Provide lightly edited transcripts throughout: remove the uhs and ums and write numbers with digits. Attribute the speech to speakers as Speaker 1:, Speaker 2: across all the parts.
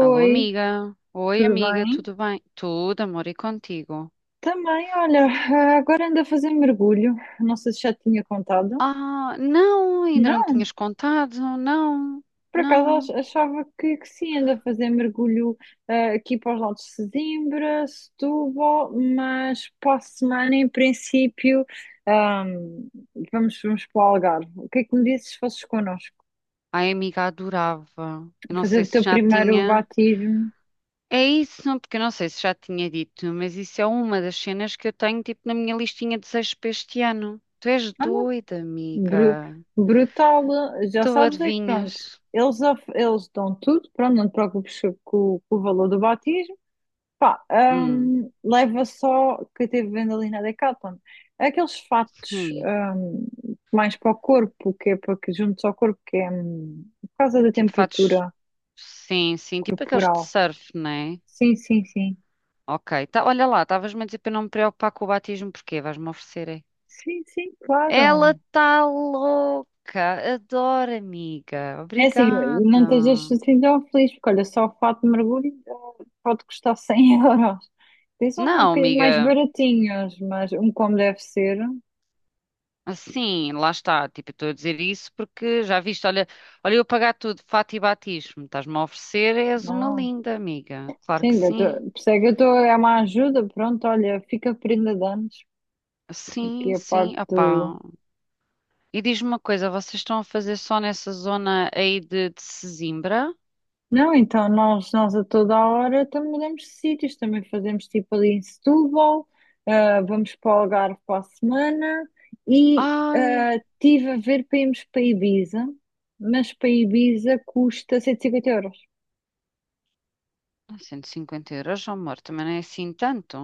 Speaker 1: Alô, amiga. Oi,
Speaker 2: tudo
Speaker 1: amiga,
Speaker 2: bem?
Speaker 1: tudo bem? Tudo, amor, e contigo?
Speaker 2: Também, olha, agora ando a fazer mergulho. Não sei se já te tinha contado.
Speaker 1: Ah, não, ainda não
Speaker 2: Não,
Speaker 1: tinhas contado, não,
Speaker 2: por acaso
Speaker 1: não.
Speaker 2: achava que sim, ando a fazer mergulho aqui para os lados de Sesimbra, Setúbal, mas para a semana, em princípio, ah, vamos para o Algarve. O que é que me dizes se fosses connosco?
Speaker 1: Ai, amiga, adorava. Eu não
Speaker 2: Fazer
Speaker 1: sei
Speaker 2: o
Speaker 1: se
Speaker 2: teu
Speaker 1: já
Speaker 2: primeiro
Speaker 1: tinha.
Speaker 2: batismo.
Speaker 1: É isso, não, porque eu não sei se já tinha dito, mas isso é uma das cenas que eu tenho, tipo, na minha listinha de desejos para este ano. Tu és doida,
Speaker 2: Bru-
Speaker 1: amiga.
Speaker 2: Brutal. Já
Speaker 1: Tu
Speaker 2: sabes é que pronto,
Speaker 1: adivinhas?
Speaker 2: eles dão tudo, pronto, não te preocupes com o valor do batismo. Pá,
Speaker 1: Hum,
Speaker 2: leva só que eu teve vendo ali na Decathlon. Aqueles fatos
Speaker 1: sim.
Speaker 2: mais para o corpo, que é para que juntos ao corpo, que é por causa da
Speaker 1: Tipo, fatos.
Speaker 2: temperatura
Speaker 1: Sim, sim, tipo aqueles de
Speaker 2: corporal.
Speaker 1: surf, né?
Speaker 2: Sim, sim, sim.
Speaker 1: Ok, tá, olha lá, estavas-me a dizer para eu não me preocupar com o batismo, porquê? Vais-me oferecer, é?
Speaker 2: Sim, sim,
Speaker 1: Ela
Speaker 2: claro.
Speaker 1: está louca, adoro, amiga,
Speaker 2: É assim,
Speaker 1: obrigada.
Speaker 2: não estejas assim tão feliz, porque olha, só o fato de mergulho pode custar 100 euros. Tens uns um
Speaker 1: Não,
Speaker 2: bocadinho mais
Speaker 1: amiga,
Speaker 2: baratinhos, mas um como deve ser,
Speaker 1: assim, lá está, tipo, eu estou a dizer isso porque já viste, olha eu pagar tudo, fato e batismo, estás-me a oferecer, és uma
Speaker 2: não.
Speaker 1: linda, amiga, claro que
Speaker 2: Sim, eu
Speaker 1: sim.
Speaker 2: estou, percebe, eu estou, é uma ajuda, pronto, olha, fica prenda de anos, porque
Speaker 1: Sim,
Speaker 2: a parte
Speaker 1: sim,
Speaker 2: do,
Speaker 1: opá. E diz-me uma coisa, vocês estão a fazer só nessa zona aí de Sesimbra?
Speaker 2: não, então nós a toda a hora também mudamos de sítios, também fazemos tipo ali em Setúbal, vamos para o Algarve para a semana e
Speaker 1: Ai.
Speaker 2: tive a ver para irmos para Ibiza, mas para Ibiza custa 150 euros.
Speaker 1: Ah, 150 euros, oh, amor, também não é assim tanto.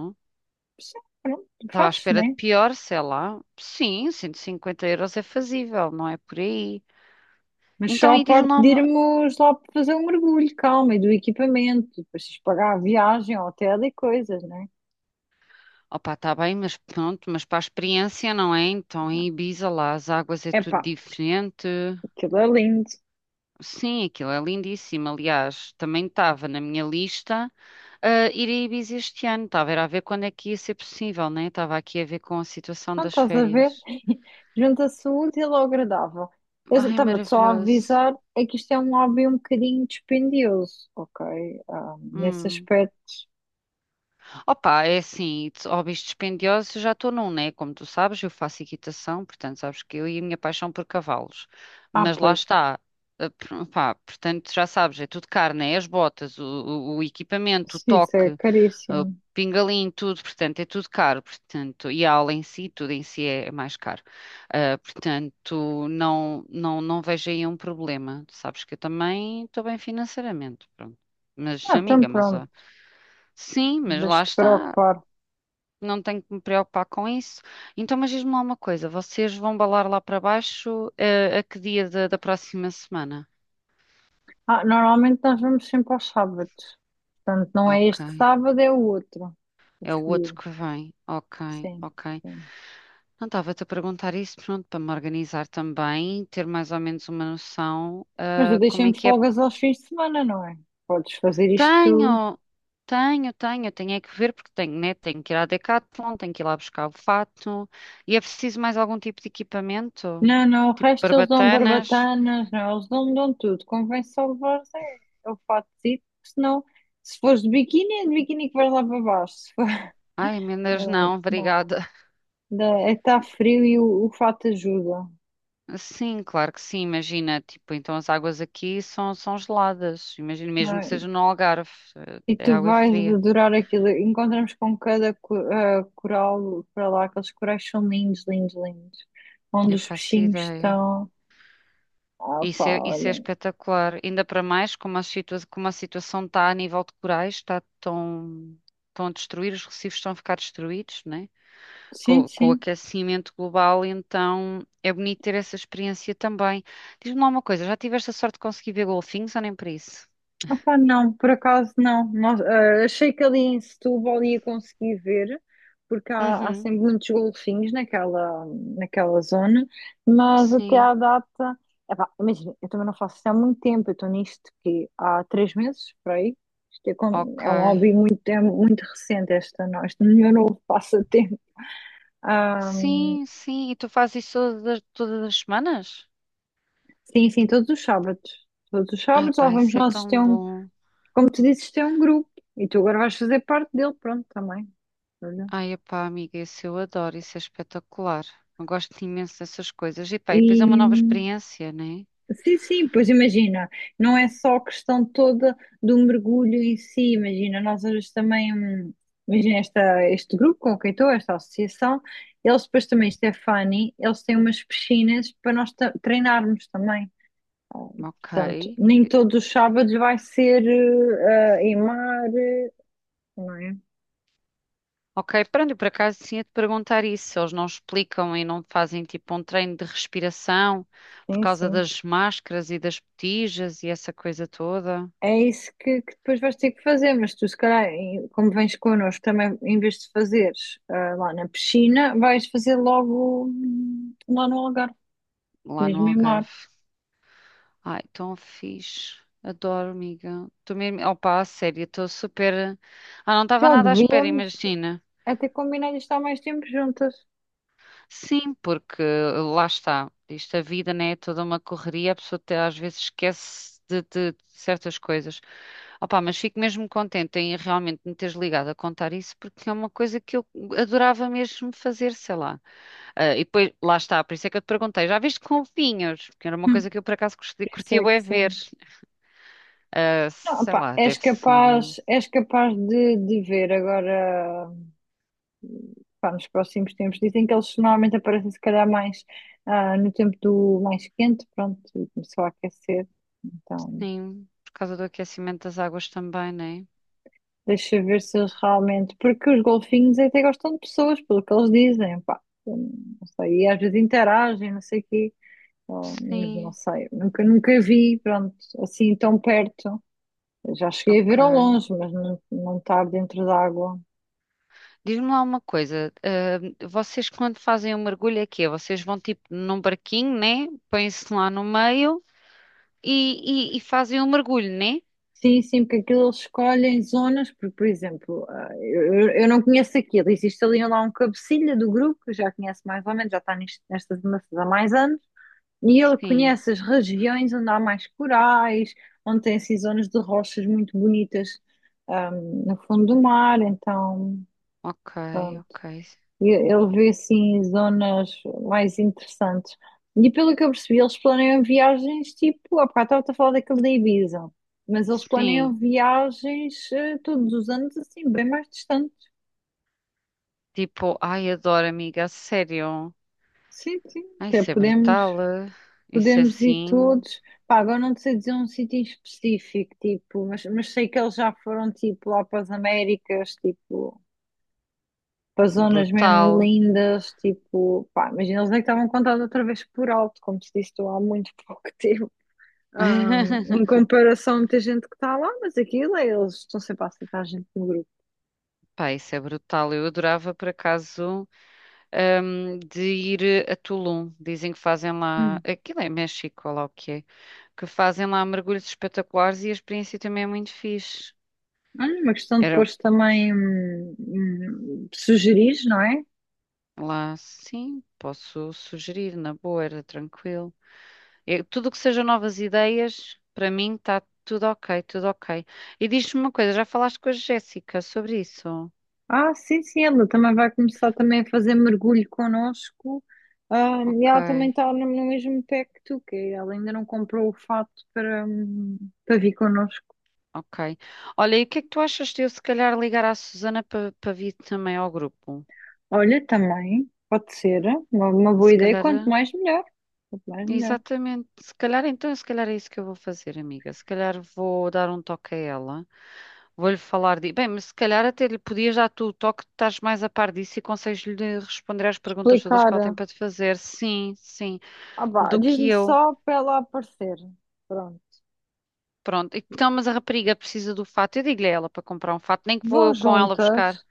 Speaker 2: Sim, pronto,
Speaker 1: Estava à
Speaker 2: faz,
Speaker 1: espera de
Speaker 2: né?
Speaker 1: pior, sei lá. Sim, 150 euros é fazível, não é por aí.
Speaker 2: Mas
Speaker 1: Então
Speaker 2: só a
Speaker 1: aí diz-me
Speaker 2: parte
Speaker 1: lá
Speaker 2: de
Speaker 1: uma...
Speaker 2: irmos lá para fazer um mergulho, calma, e do equipamento, depois tens de pagar a viagem, hotel e coisas, né?
Speaker 1: Opa, está bem, mas pronto, mas para a experiência, não é? Então em Ibiza lá as águas é
Speaker 2: Epá,
Speaker 1: tudo diferente.
Speaker 2: aquilo é lindo.
Speaker 1: Sim, aquilo é lindíssimo. Aliás, também estava na minha lista ir a Ibiza este ano. Estava era a ver quando é que ia ser possível, né? Estava aqui a ver com a situação
Speaker 2: Então,
Speaker 1: das
Speaker 2: estás a ver?
Speaker 1: férias.
Speaker 2: Junta-se o útil ao agradável. Eu
Speaker 1: Ai,
Speaker 2: estava-te só a
Speaker 1: maravilhoso.
Speaker 2: avisar, é que isto é um hobby um bocadinho dispendioso, ok? Ah, nesse
Speaker 1: Hum.
Speaker 2: aspecto.
Speaker 1: Opa, é assim, hobbies dispendiosos eu já estou num, né? Como tu sabes, eu faço equitação, portanto, sabes que eu e a minha paixão por cavalos.
Speaker 2: Ah,
Speaker 1: Mas lá
Speaker 2: pois,
Speaker 1: está, pá, portanto, já sabes, é tudo caro, né? As botas, o equipamento, o
Speaker 2: sim, isso
Speaker 1: toque,
Speaker 2: é
Speaker 1: o
Speaker 2: caríssimo.
Speaker 1: pingalinho, tudo, portanto, é tudo caro, portanto, e a aula em si, tudo em si é mais caro. Ah, portanto, não, não, não vejo aí um problema. Sabes que eu também estou bem financeiramente, pronto. Mas,
Speaker 2: Ah, então
Speaker 1: amiga, mas
Speaker 2: pronto,
Speaker 1: ó, sim, mas lá
Speaker 2: deixa-te
Speaker 1: está.
Speaker 2: preocupar.
Speaker 1: Não tenho que me preocupar com isso. Então, mas diz-me lá uma coisa: vocês vão balar lá para baixo, a que dia da próxima semana?
Speaker 2: Ah, normalmente nós vamos sempre aos sábados. Portanto, não é
Speaker 1: Ok.
Speaker 2: este sábado, é o outro. A
Speaker 1: É o outro
Speaker 2: seguir,
Speaker 1: que vem. Ok,
Speaker 2: sim,
Speaker 1: ok.
Speaker 2: sim.
Speaker 1: Não estava-te a perguntar isso, pronto, para me organizar também, ter mais ou menos uma noção,
Speaker 2: Mas eu
Speaker 1: como é
Speaker 2: deixei-me
Speaker 1: que é.
Speaker 2: folgas aos fins de semana, não é? Podes fazer isto.
Speaker 1: Tenho, tenho é que ver, porque tenho, né? Tenho que ir à Decathlon, tenho que ir lá buscar o fato. E é preciso mais algum tipo de equipamento?
Speaker 2: Não, não, o
Speaker 1: Tipo
Speaker 2: resto eles dão
Speaker 1: barbatanas?
Speaker 2: barbatanas, não, eles dão tudo. Convém só levares é o fatezito, porque senão, se fores de biquíni, é de biquíni que vais lá para baixo. Se for-
Speaker 1: Ai, emendas não,
Speaker 2: Não,
Speaker 1: obrigada.
Speaker 2: É que está frio e o fato ajuda,
Speaker 1: Sim, claro que sim, imagina, tipo, então as águas aqui são geladas, imagina,
Speaker 2: não
Speaker 1: mesmo que
Speaker 2: é?
Speaker 1: seja no Algarve,
Speaker 2: E
Speaker 1: a
Speaker 2: tu
Speaker 1: água é
Speaker 2: vais
Speaker 1: fria,
Speaker 2: adorar aquilo. Encontramos com cada coral para lá, aqueles corais são lindos, lindos, lindos. Onde
Speaker 1: eu
Speaker 2: os
Speaker 1: faço
Speaker 2: peixinhos
Speaker 1: ideia.
Speaker 2: estão. Ah, pá,
Speaker 1: Isso é
Speaker 2: olha.
Speaker 1: espetacular, ainda para mais como a situação está a nível de corais, está tão, estão a destruir, os recifes estão a ficar destruídos, né?
Speaker 2: Sim,
Speaker 1: Com o
Speaker 2: sim.
Speaker 1: aquecimento global, então é bonito ter essa experiência também. Diz-me lá uma coisa, já tiveste a sorte de conseguir ver golfinhos ou nem para isso?
Speaker 2: Opa, não, por acaso não. Achei que ali em Setúbal ia conseguir ver, porque há
Speaker 1: Uhum,
Speaker 2: sempre muitos golfinhos naquela, naquela zona, mas até
Speaker 1: sim,
Speaker 2: à data. Epá, imagina, eu também não faço isso há muito tempo, eu estou nisto que há 3 meses, por aí. Isto é, é um
Speaker 1: ok.
Speaker 2: hobby muito, é muito recente, esta, no- este meu novo passatempo. Ah,
Speaker 1: Sim, sim. E tu fazes isso todas, todas as semanas?
Speaker 2: sim, sim, todos os sábados. Todos os
Speaker 1: Ai,
Speaker 2: sábados lá
Speaker 1: pá,
Speaker 2: vamos
Speaker 1: isso é
Speaker 2: nós ter.
Speaker 1: tão bom.
Speaker 2: Como tu dizes, tem um grupo e tu agora vais fazer parte dele, pronto, também. Olha.
Speaker 1: Ai, pá, amiga, isso eu adoro, isso é espetacular. Eu gosto imenso dessas coisas. E pá, e depois é
Speaker 2: E
Speaker 1: uma nova experiência, né?
Speaker 2: sim, sim, pois imagina, não é só a questão toda do mergulho em si, imagina, nós hoje também, imagina este grupo com quem estou, esta associação, eles depois também, isto é funny, eles têm umas piscinas para nós treinarmos também. Ah,
Speaker 1: Ok.
Speaker 2: portanto, nem todos os sábados vai ser em mar, eh, não é?
Speaker 1: Ok, pronto, eu por acaso tinha de perguntar isso, se eles não explicam e não fazem tipo um treino de respiração por
Speaker 2: Sim,
Speaker 1: causa
Speaker 2: sim.
Speaker 1: das máscaras e das botijas e essa coisa toda
Speaker 2: É isso que depois vais ter que fazer, mas tu, se calhar, como vens connosco, também, em vez de fazeres lá na piscina, vais fazer logo lá no Algarve,
Speaker 1: lá no
Speaker 2: mesmo em mar.
Speaker 1: Algarve. Ai, tão fixe. Adoro, amiga. Tô mesmo. Opa, a sério, estou super. Ah, não estava
Speaker 2: Já
Speaker 1: nada à espera,
Speaker 2: devíamos
Speaker 1: imagina.
Speaker 2: até combinar isto há mais tempo juntas.
Speaker 1: Sim, porque lá está. Isto, a vida, né? É toda uma correria. A pessoa até às vezes esquece de certas coisas. Opa, mas fico mesmo contente em realmente me teres ligado a contar isso, porque é uma coisa que eu adorava mesmo fazer, sei lá. Ah, e depois, lá está, por isso é que eu te perguntei, já viste com vinhos? Porque era uma
Speaker 2: Hum.
Speaker 1: coisa que eu por acaso
Speaker 2: Isso
Speaker 1: curtia
Speaker 2: é que
Speaker 1: bué ver.
Speaker 2: sim.
Speaker 1: Ah,
Speaker 2: Não,
Speaker 1: sei
Speaker 2: pá,
Speaker 1: lá, deve ser.
Speaker 2: és capaz de ver agora, pá, nos próximos tempos. Dizem que eles normalmente aparecem, se calhar, mais no tempo do mais quente, pronto, e começou a aquecer. Então.
Speaker 1: Sim, por causa do aquecimento das águas também, né?
Speaker 2: Deixa eu ver se eles realmente. Porque os golfinhos até gostam de pessoas, pelo que eles dizem, pá. Eu não sei, e às vezes interagem, não sei o quê. Oh, mas não
Speaker 1: Sim,
Speaker 2: sei, nunca, nunca vi, pronto, assim tão perto. Eu já cheguei a ver
Speaker 1: ok.
Speaker 2: ao longe, mas não, não estar dentro d'água.
Speaker 1: Diz-me lá uma coisa. Vocês quando fazem o mergulho é quê? Vocês vão tipo num barquinho, né? Põem-se lá no meio e fazem o mergulho, né?
Speaker 2: Sim, sim, porque aquilo eles escolhem zonas, porque, por exemplo, eu, eu não conheço aquilo. Existe ali lá um cabecilha do grupo, que eu já conhece mais ou menos, já está nestas andanças há mais anos. E ele
Speaker 1: Sim,
Speaker 2: conhece as regiões onde há mais corais, onde tem assim zonas de rochas muito bonitas, no fundo do mar. Então,
Speaker 1: ok,
Speaker 2: pronto,
Speaker 1: ok.
Speaker 2: ele vê assim zonas mais interessantes. E pelo que eu percebi, eles planeiam viagens tipo. Há bocado estava a falar daquele da Ibiza, mas eles
Speaker 1: Sim,
Speaker 2: planeiam viagens todos os anos assim, bem mais distantes.
Speaker 1: tipo, ai, adoro, amiga, a sério.
Speaker 2: Sim, sim,
Speaker 1: Ai,
Speaker 2: até
Speaker 1: isso é
Speaker 2: podemos.
Speaker 1: brutal. Ah. Isso é
Speaker 2: Podemos ir
Speaker 1: assim,
Speaker 2: todos. Pá, agora não te sei dizer um sítio em específico, tipo, mas sei que eles já foram tipo lá para as Américas, tipo, para zonas mesmo
Speaker 1: brutal.
Speaker 2: lindas, tipo, pá, imagina, eles é que estavam contados outra vez por alto, como se disse tu há muito pouco tempo. Em comparação a muita gente que está lá, mas aquilo é, eles estão sempre a aceitar a gente no grupo.
Speaker 1: Pá, isso é brutal. Eu adorava, por acaso, de ir a Tulum. Dizem que fazem lá.
Speaker 2: Hum.
Speaker 1: Aquilo é México, ou lá o que é. Que fazem lá mergulhos espetaculares e a experiência também é muito fixe.
Speaker 2: Olha, uma questão de
Speaker 1: Era
Speaker 2: depois também sugerir, não é?
Speaker 1: lá, sim, posso sugerir, na boa, era tranquilo. É, tudo o que seja novas ideias, para mim está tudo ok, tudo ok. E diz-me uma coisa, já falaste com a Jéssica sobre isso?
Speaker 2: Ah, sim, sim, ela também vai começar também a fazer mergulho connosco. Ah, e
Speaker 1: Ok.
Speaker 2: ela também está no mesmo pé que tu, que ela ainda não comprou o fato para, para vir connosco.
Speaker 1: Ok. Olha, e o que é que tu achas de eu se calhar ligar à Susana para vir também ao grupo?
Speaker 2: Olha, também, pode ser uma boa
Speaker 1: Se
Speaker 2: ideia,
Speaker 1: calhar,
Speaker 2: quanto mais melhor. Quanto mais melhor.
Speaker 1: exatamente. Se calhar então, se calhar é isso que eu vou fazer, amiga. Se calhar vou dar um toque a ela. Vou-lhe falar de. Bem, mas se calhar até lhe podias dar tu o toque, estás mais a par disso e consegues-lhe responder às perguntas todas que ela tem
Speaker 2: Explicar.
Speaker 1: para te fazer. Sim, sim,
Speaker 2: Ah, vá,
Speaker 1: do que
Speaker 2: diz-lhe
Speaker 1: eu.
Speaker 2: só para ela aparecer. Pronto.
Speaker 1: Pronto. Então, mas a rapariga precisa do fato. Eu digo-lhe a ela para comprar um fato, nem que vou
Speaker 2: Vão
Speaker 1: eu com ela buscar.
Speaker 2: juntas,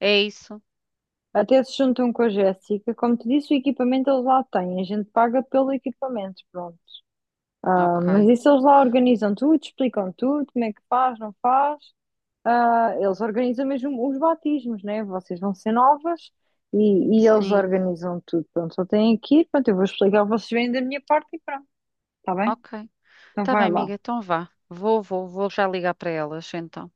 Speaker 1: É isso?
Speaker 2: até se juntam com a Jéssica. Como te disse, o equipamento eles lá têm, a gente paga pelo equipamento, pronto.
Speaker 1: Ok.
Speaker 2: Mas isso eles lá organizam tudo, explicam tudo, como é que faz, não faz. Ah, eles organizam mesmo os batismos, né? Vocês vão ser novas e, e eles
Speaker 1: Sim.
Speaker 2: organizam tudo. Pronto, só têm que ir, pronto, eu vou explicar, vocês vêm da minha parte e pronto, tá bem?
Speaker 1: Ok.
Speaker 2: Então
Speaker 1: Tá bem,
Speaker 2: vai lá,
Speaker 1: amiga, então vá. Vou já ligar para elas, então,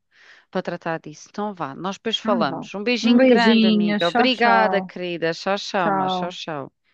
Speaker 1: para tratar disso. Então vá, nós depois
Speaker 2: então vá.
Speaker 1: falamos. Um
Speaker 2: Um
Speaker 1: beijinho grande,
Speaker 2: beijinho,
Speaker 1: amiga.
Speaker 2: tchau,
Speaker 1: Obrigada,
Speaker 2: tchau,
Speaker 1: querida. Tchau, tchau, mas tchau,
Speaker 2: tchau.
Speaker 1: tchau.